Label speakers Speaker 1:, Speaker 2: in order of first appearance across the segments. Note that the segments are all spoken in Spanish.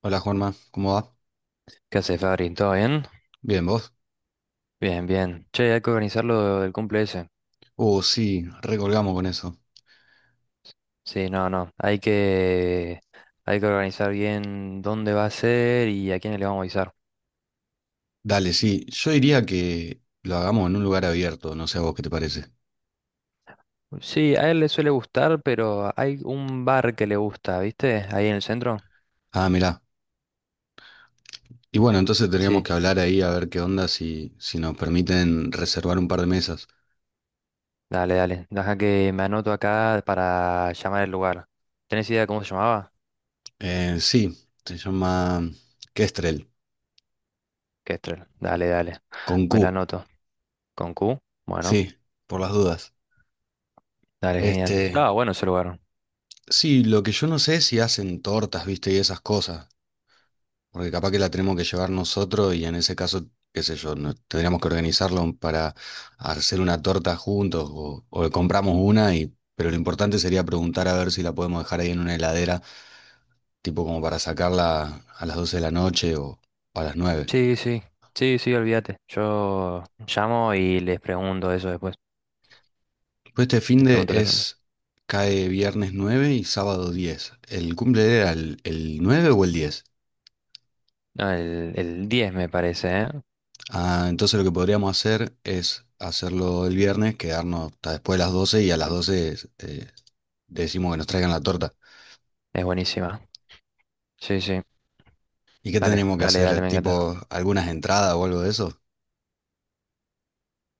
Speaker 1: Hola Juanma, ¿cómo va?
Speaker 2: ¿Qué hace, Fabri? ¿Todo bien?
Speaker 1: Bien, ¿vos?
Speaker 2: Bien, bien. Che, hay que organizar lo del cumple ese.
Speaker 1: Oh sí, recolgamos con eso.
Speaker 2: Sí, no, no. Hay que organizar bien dónde va a ser y a quién le vamos a avisar.
Speaker 1: Dale, sí, yo diría que lo hagamos en un lugar abierto, no sé a vos qué te parece.
Speaker 2: Sí, a él le suele gustar, pero hay un bar que le gusta, ¿viste? Ahí en el centro.
Speaker 1: Ah, mirá. Y bueno, entonces tendríamos
Speaker 2: Sí,
Speaker 1: que hablar ahí a ver qué onda si nos permiten reservar un par de mesas.
Speaker 2: dale, dale. Deja que me anoto acá para llamar el lugar. ¿Tenés idea de cómo se llamaba?
Speaker 1: Sí, se llama Kestrel,
Speaker 2: Kestrel. Dale, dale.
Speaker 1: con
Speaker 2: Me la
Speaker 1: Q,
Speaker 2: anoto. ¿Con Q? Bueno,
Speaker 1: sí, por las dudas.
Speaker 2: dale, genial.
Speaker 1: Este,
Speaker 2: Estaba bueno ese lugar.
Speaker 1: sí, lo que yo no sé es si hacen tortas, viste, y esas cosas. Porque capaz que la tenemos que llevar nosotros y en ese caso, qué sé yo, tendríamos que organizarlo para hacer una torta juntos o compramos una y, pero lo importante sería preguntar a ver si la podemos dejar ahí en una heladera, tipo como para sacarla a las 12 de la noche o a las 9.
Speaker 2: Sí, sí, sí, sí, olvídate. Yo llamo y les pregunto eso después.
Speaker 1: Pues este
Speaker 2: Les
Speaker 1: finde
Speaker 2: pregunto, les pregunto.
Speaker 1: cae viernes 9 y sábado 10. ¿El cumple era el 9 o el 10?
Speaker 2: No, el 10 me parece, ¿eh?
Speaker 1: Ah, entonces lo que podríamos hacer es hacerlo el viernes, quedarnos hasta después de las 12 y a las 12 decimos que nos traigan la torta.
Speaker 2: Es buenísima. Sí, sí.
Speaker 1: ¿Y qué
Speaker 2: Dale,
Speaker 1: tendríamos que
Speaker 2: dale,
Speaker 1: hacer?
Speaker 2: dale, me encanta.
Speaker 1: ¿Tipo algunas entradas o algo de eso?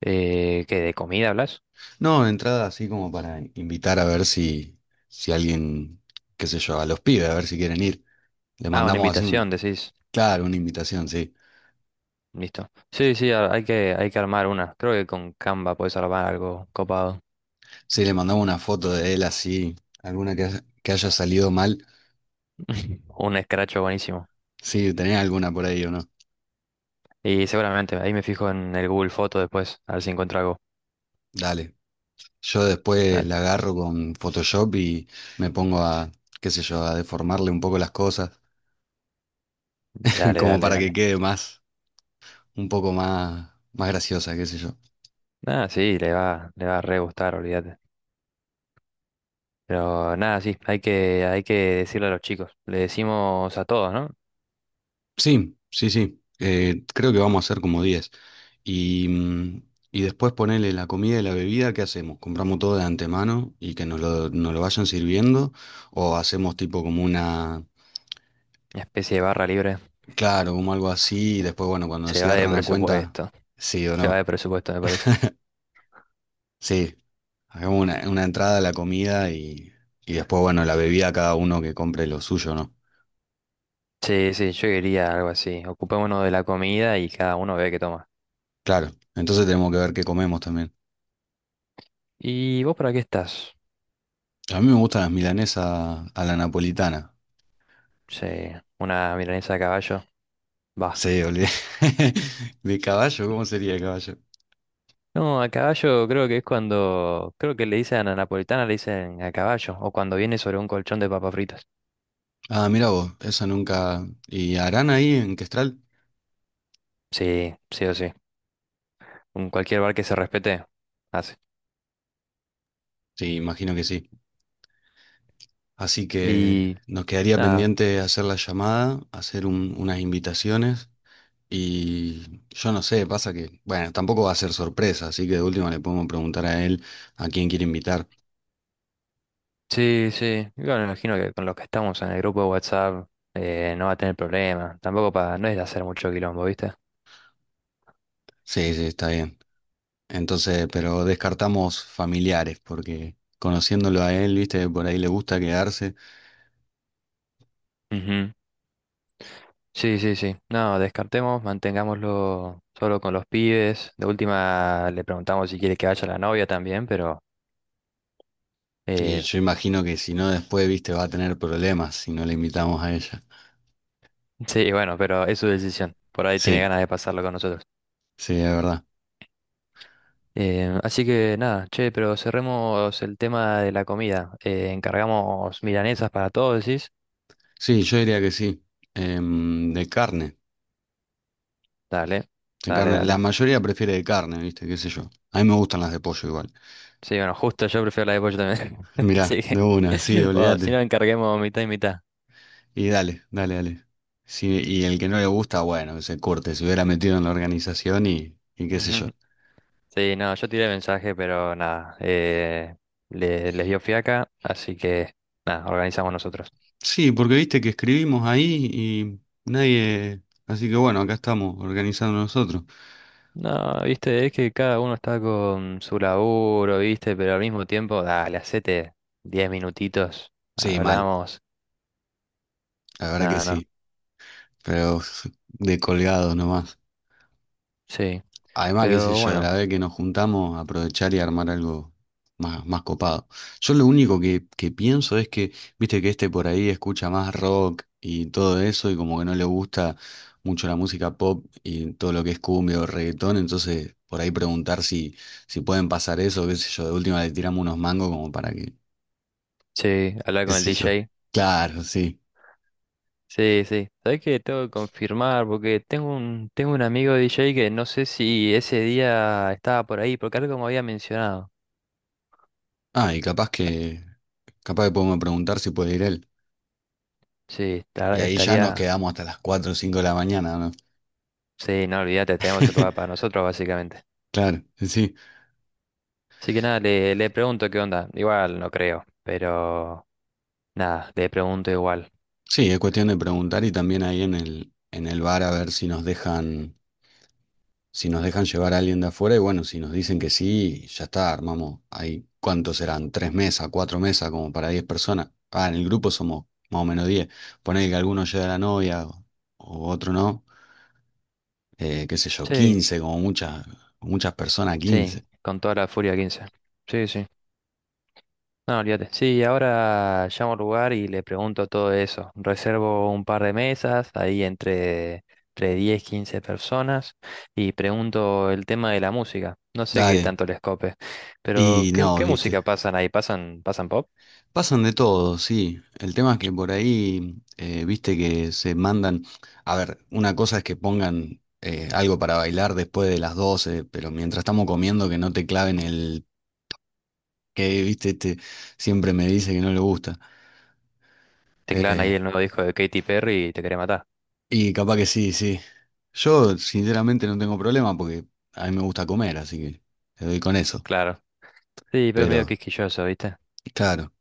Speaker 2: ¿Qué, de comida hablas?
Speaker 1: No, entradas así como para invitar a ver si alguien, qué sé yo, a los pibes, a ver si quieren ir. Le
Speaker 2: Ah, una
Speaker 1: mandamos así
Speaker 2: invitación, decís.
Speaker 1: claro, una invitación, sí.
Speaker 2: Listo. Sí, sí, hay hay que armar una. Creo que con Canva puedes armar algo copado.
Speaker 1: Sí, le mandamos una foto de él así, alguna que haya salido mal.
Speaker 2: Un escracho buenísimo.
Speaker 1: Sí, ¿tenés alguna por ahí o no?
Speaker 2: Y seguramente, ahí me fijo en el Google Foto después, a ver si encuentro algo.
Speaker 1: Dale. Yo después
Speaker 2: Dale,
Speaker 1: la agarro con Photoshop y me pongo a, qué sé yo, a deformarle un poco las cosas,
Speaker 2: dale,
Speaker 1: como
Speaker 2: dale,
Speaker 1: para que
Speaker 2: dale.
Speaker 1: quede más, un poco más, más graciosa, qué sé yo.
Speaker 2: Ah, sí, le va a re gustar, olvídate. Pero nada, sí, hay que decirle a los chicos. Le decimos a todos, ¿no?
Speaker 1: Sí, sí, sí. Creo que vamos a hacer como 10. Y, mm, y después ponerle la comida y la bebida, ¿qué hacemos? ¿Compramos todo de antemano y que nos lo vayan sirviendo? ¿O hacemos tipo como
Speaker 2: Una especie de barra libre.
Speaker 1: claro, como algo así y después, bueno, cuando
Speaker 2: Se va de
Speaker 1: cierran la cuenta,
Speaker 2: presupuesto.
Speaker 1: ¿sí o
Speaker 2: Se va
Speaker 1: no?
Speaker 2: de presupuesto, me parece.
Speaker 1: Sí, hagamos una entrada a la comida y después, bueno, la bebida cada uno que compre lo suyo, ¿no?
Speaker 2: Sí, sí, yo quería algo así. Ocupémonos de la comida y cada uno ve qué toma.
Speaker 1: Claro, entonces tenemos que ver qué comemos también.
Speaker 2: ¿Y vos para qué estás?
Speaker 1: A mí me gustan las milanesas a la napolitana.
Speaker 2: Sí, una milanesa a caballo. Va.
Speaker 1: Sí, olvidé. ¿De caballo? ¿Cómo sería de caballo?
Speaker 2: No, a caballo creo que es cuando. Creo que le dicen a la napolitana, le dicen a caballo. O cuando viene sobre un colchón de papas fritas.
Speaker 1: Ah, mira vos, esa nunca. ¿Y harán ahí en Questral?
Speaker 2: Sí, sí o sí. En cualquier bar que se respete, hace.
Speaker 1: Sí, imagino que sí. Así que
Speaker 2: Y
Speaker 1: nos quedaría
Speaker 2: nada,
Speaker 1: pendiente hacer la llamada, hacer unas invitaciones. Y yo no sé, pasa que, bueno, tampoco va a ser sorpresa, así que de última le podemos preguntar a él a quién quiere invitar.
Speaker 2: sí, sí. Yo me imagino que con los que estamos en el grupo de WhatsApp no va a tener problema. Tampoco para, no es de hacer mucho quilombo, ¿viste?
Speaker 1: Sí, sí, está bien. Entonces, pero descartamos familiares, porque conociéndolo a él, viste, por ahí le gusta quedarse.
Speaker 2: Ujú. Sí, sí, sí. No, descartemos, mantengámoslo solo con los pibes. De última le preguntamos si quiere que vaya la novia también, pero
Speaker 1: Y
Speaker 2: eh,
Speaker 1: yo imagino que si no, después, viste, va a tener problemas si no le invitamos a ella.
Speaker 2: sí, bueno, pero es su decisión. Por ahí tiene
Speaker 1: Sí,
Speaker 2: ganas de pasarlo con nosotros.
Speaker 1: sí, es verdad.
Speaker 2: Así que nada, che, pero cerremos el tema de la comida. Encargamos milanesas para todos, decís.
Speaker 1: Sí, yo diría que sí. De carne,
Speaker 2: Dale,
Speaker 1: de
Speaker 2: dale,
Speaker 1: carne. La
Speaker 2: dale.
Speaker 1: mayoría prefiere de carne, viste, qué sé yo. A mí me gustan las de pollo igual.
Speaker 2: Sí, bueno, justo yo prefiero la de pollo también.
Speaker 1: Mirá,
Speaker 2: Así
Speaker 1: de
Speaker 2: que,
Speaker 1: una, sí,
Speaker 2: bueno, si
Speaker 1: olvídate.
Speaker 2: nos encarguemos mitad y mitad.
Speaker 1: Y dale, dale, dale. Sí, y el que no le gusta, bueno, que se corte, se hubiera metido en la organización y qué sé yo.
Speaker 2: Ujú. Sí, no, yo tiré mensaje, pero nada, les dio fiaca, así que nada, organizamos nosotros.
Speaker 1: Sí, porque viste que escribimos ahí y nadie. Así que bueno, acá estamos organizando nosotros.
Speaker 2: No, viste, es que cada uno está con su laburo, viste, pero al mismo tiempo, dale, hacete 10 minutitos,
Speaker 1: Sí, mal,
Speaker 2: hablamos,
Speaker 1: la verdad que
Speaker 2: nada, no,
Speaker 1: sí, pero de colgados nomás.
Speaker 2: sí,
Speaker 1: Además, qué sé
Speaker 2: pero
Speaker 1: yo,
Speaker 2: bueno,
Speaker 1: la vez que nos juntamos, aprovechar y armar algo más, más copado. Yo lo único que pienso es que, viste que este por ahí escucha más rock y todo eso, y como que no le gusta mucho la música pop y todo lo que es cumbia o reggaetón, entonces por ahí preguntar si pueden pasar eso, qué sé yo, de última le tiramos unos mangos como para que,
Speaker 2: sí, hablar
Speaker 1: qué
Speaker 2: con el
Speaker 1: sé yo.
Speaker 2: DJ.
Speaker 1: Claro, sí.
Speaker 2: Sí, sí. Sabés que tengo que confirmar porque tengo tengo un amigo DJ que no sé si ese día estaba por ahí, porque algo me había mencionado.
Speaker 1: Ah, y capaz que podemos preguntar si puede ir él.
Speaker 2: Sí,
Speaker 1: Y ahí ya nos
Speaker 2: estaría.
Speaker 1: quedamos hasta las 4 o 5 de la mañana, ¿no?
Speaker 2: Sí, no olvídate, tenemos el lugar para nosotros básicamente.
Speaker 1: Claro, sí.
Speaker 2: Así que nada, le pregunto qué onda. Igual no creo, pero nada, le pregunto igual.
Speaker 1: Sí, es cuestión de preguntar y también ahí en el bar a ver si nos dejan llevar a alguien de afuera y bueno, si nos dicen que sí, ya está, armamos ahí, ¿cuántos serán? ¿Tres mesas, cuatro mesas como para 10 personas? Ah, en el grupo somos más o menos 10. Poné que alguno lleve a la novia o otro no, qué sé yo,
Speaker 2: Sí,
Speaker 1: 15 como muchas, muchas personas,
Speaker 2: sí,
Speaker 1: 15.
Speaker 2: con toda la furia 15. Sí, sí. No, olvídate. Sí, ahora llamo al lugar y le pregunto todo eso. Reservo un par de mesas, entre 10 15 personas, y pregunto el tema de la música. No sé qué
Speaker 1: Dale.
Speaker 2: tanto les cope, pero
Speaker 1: Y
Speaker 2: ¿qué,
Speaker 1: no,
Speaker 2: qué
Speaker 1: viste.
Speaker 2: música pasan ahí? ¿Pasan, pasan pop?
Speaker 1: Pasan de todo, sí. El tema es que por ahí, viste que se mandan, a ver, una cosa es que pongan algo para bailar después de las 12, pero mientras estamos comiendo que no te claven el que, viste, este siempre me dice que no le gusta.
Speaker 2: Teclan ahí
Speaker 1: Eh,
Speaker 2: el nuevo disco de Katy Perry y te quería matar.
Speaker 1: y capaz que sí, sí. Yo sinceramente no tengo problema porque a mí me gusta comer, así que te doy con eso.
Speaker 2: Claro. Sí, pero es medio
Speaker 1: Pero,
Speaker 2: quisquilloso, ¿viste?
Speaker 1: claro.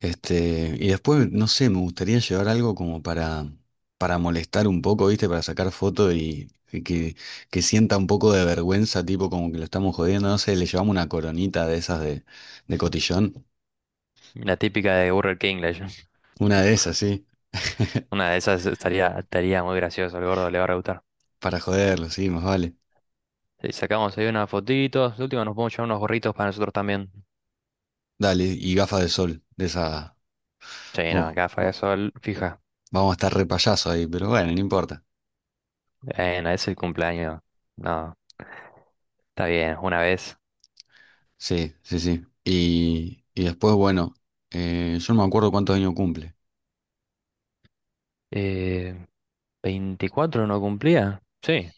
Speaker 1: Y después, no sé, me gustaría llevar algo como para molestar un poco, ¿viste? Para sacar foto y que sienta un poco de vergüenza, tipo como que lo estamos jodiendo, no sé, le llevamos una coronita de esas de cotillón.
Speaker 2: La típica de Burger King,
Speaker 1: Una de esas, sí,
Speaker 2: Una de esas estaría muy gracioso, el gordo le va a rebutar.
Speaker 1: para joderlo, sí, más vale.
Speaker 2: Sí, sacamos ahí unas fotitos. De última nos podemos llevar unos gorritos para nosotros también.
Speaker 1: Dale, y gafas de sol, de esa.
Speaker 2: Sí, no,
Speaker 1: Oh,
Speaker 2: gafa de sol, fija.
Speaker 1: vamos a estar re payaso ahí, pero bueno, no importa.
Speaker 2: Bueno, es el cumpleaños. No, está bien, una vez.
Speaker 1: Sí, sí, sí. Y después, bueno, yo no me acuerdo cuántos años cumple.
Speaker 2: Eh, 24 no cumplía. Sí.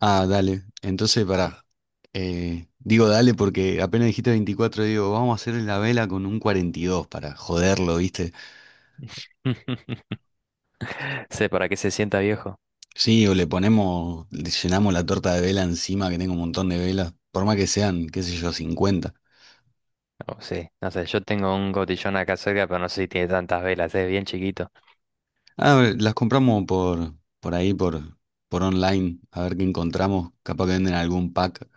Speaker 1: Ah, dale. Entonces, pará. Digo dale porque apenas dijiste 24 digo, vamos a hacerle la vela con un 42 para joderlo, ¿viste?
Speaker 2: Sé para que se sienta viejo.
Speaker 1: Sí, o le ponemos, le llenamos la torta de vela encima, que tengo un montón de velas, por más que sean, qué sé yo, 50.
Speaker 2: Oh, sí, no sé, yo tengo un cotillón acá cerca, pero no sé si tiene tantas velas, es bien chiquito.
Speaker 1: Ah, a ver, las compramos por ahí, por online, a ver qué encontramos, capaz que venden algún pack.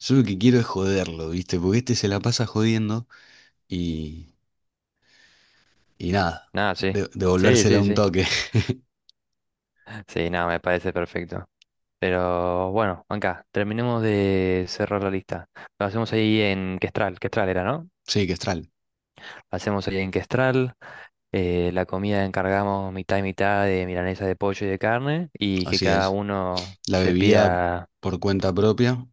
Speaker 1: Yo lo que quiero es joderlo, ¿viste? Porque este se la pasa jodiendo y, y nada,
Speaker 2: Nada, sí. Sí,
Speaker 1: devolvérsela
Speaker 2: sí,
Speaker 1: un
Speaker 2: sí.
Speaker 1: toque.
Speaker 2: Sí, nada, me parece perfecto. Pero bueno, Anca, terminemos de cerrar la lista. Lo hacemos ahí en Questral, Questral era, ¿no?
Speaker 1: Sí, que estral.
Speaker 2: Hacemos ahí en Questral. La comida encargamos mitad y mitad de milanesa de pollo y de carne y que
Speaker 1: Así
Speaker 2: cada
Speaker 1: es.
Speaker 2: uno
Speaker 1: La
Speaker 2: se
Speaker 1: bebida
Speaker 2: pida...
Speaker 1: por cuenta propia.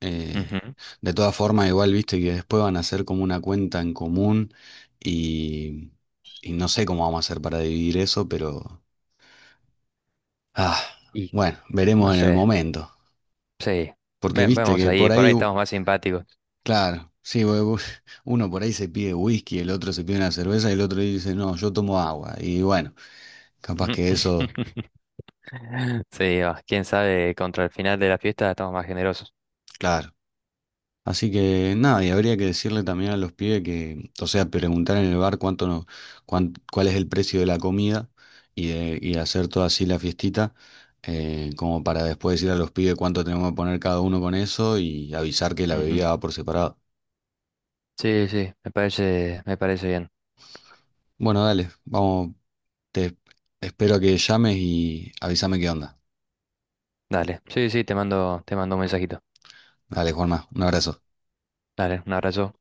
Speaker 1: eh,
Speaker 2: Ujú.
Speaker 1: de todas formas, igual viste que después van a hacer como una cuenta en común y, y no sé cómo vamos a hacer para dividir eso, pero ah,
Speaker 2: Y
Speaker 1: bueno,
Speaker 2: no
Speaker 1: veremos en el
Speaker 2: sé,
Speaker 1: momento.
Speaker 2: sí.
Speaker 1: Porque viste
Speaker 2: Vemos
Speaker 1: que
Speaker 2: ahí,
Speaker 1: por
Speaker 2: por
Speaker 1: ahí,
Speaker 2: ahí estamos más simpáticos.
Speaker 1: claro, sí, uno por ahí se pide whisky, el otro se pide una cerveza y el otro dice, no, yo tomo agua. Y bueno, capaz
Speaker 2: Ujú.
Speaker 1: que eso,
Speaker 2: Sí, va, quién sabe, contra el final de la fiesta estamos más generosos.
Speaker 1: claro. Así que nada, y habría que decirle también a los pibes que, o sea, preguntar en el bar cuánto no, cuál es el precio de la comida y hacer toda así la fiestita, como para después decir a los pibes cuánto tenemos que poner cada uno con eso y avisar que la
Speaker 2: Ujú.
Speaker 1: bebida va por separado.
Speaker 2: Sí, sí, me parece bien.
Speaker 1: Bueno, dale, vamos, te espero que llames y avísame qué onda.
Speaker 2: Dale, sí, sí, te mando un mensajito.
Speaker 1: Dale, Juanma, un abrazo.
Speaker 2: Dale, un abrazo.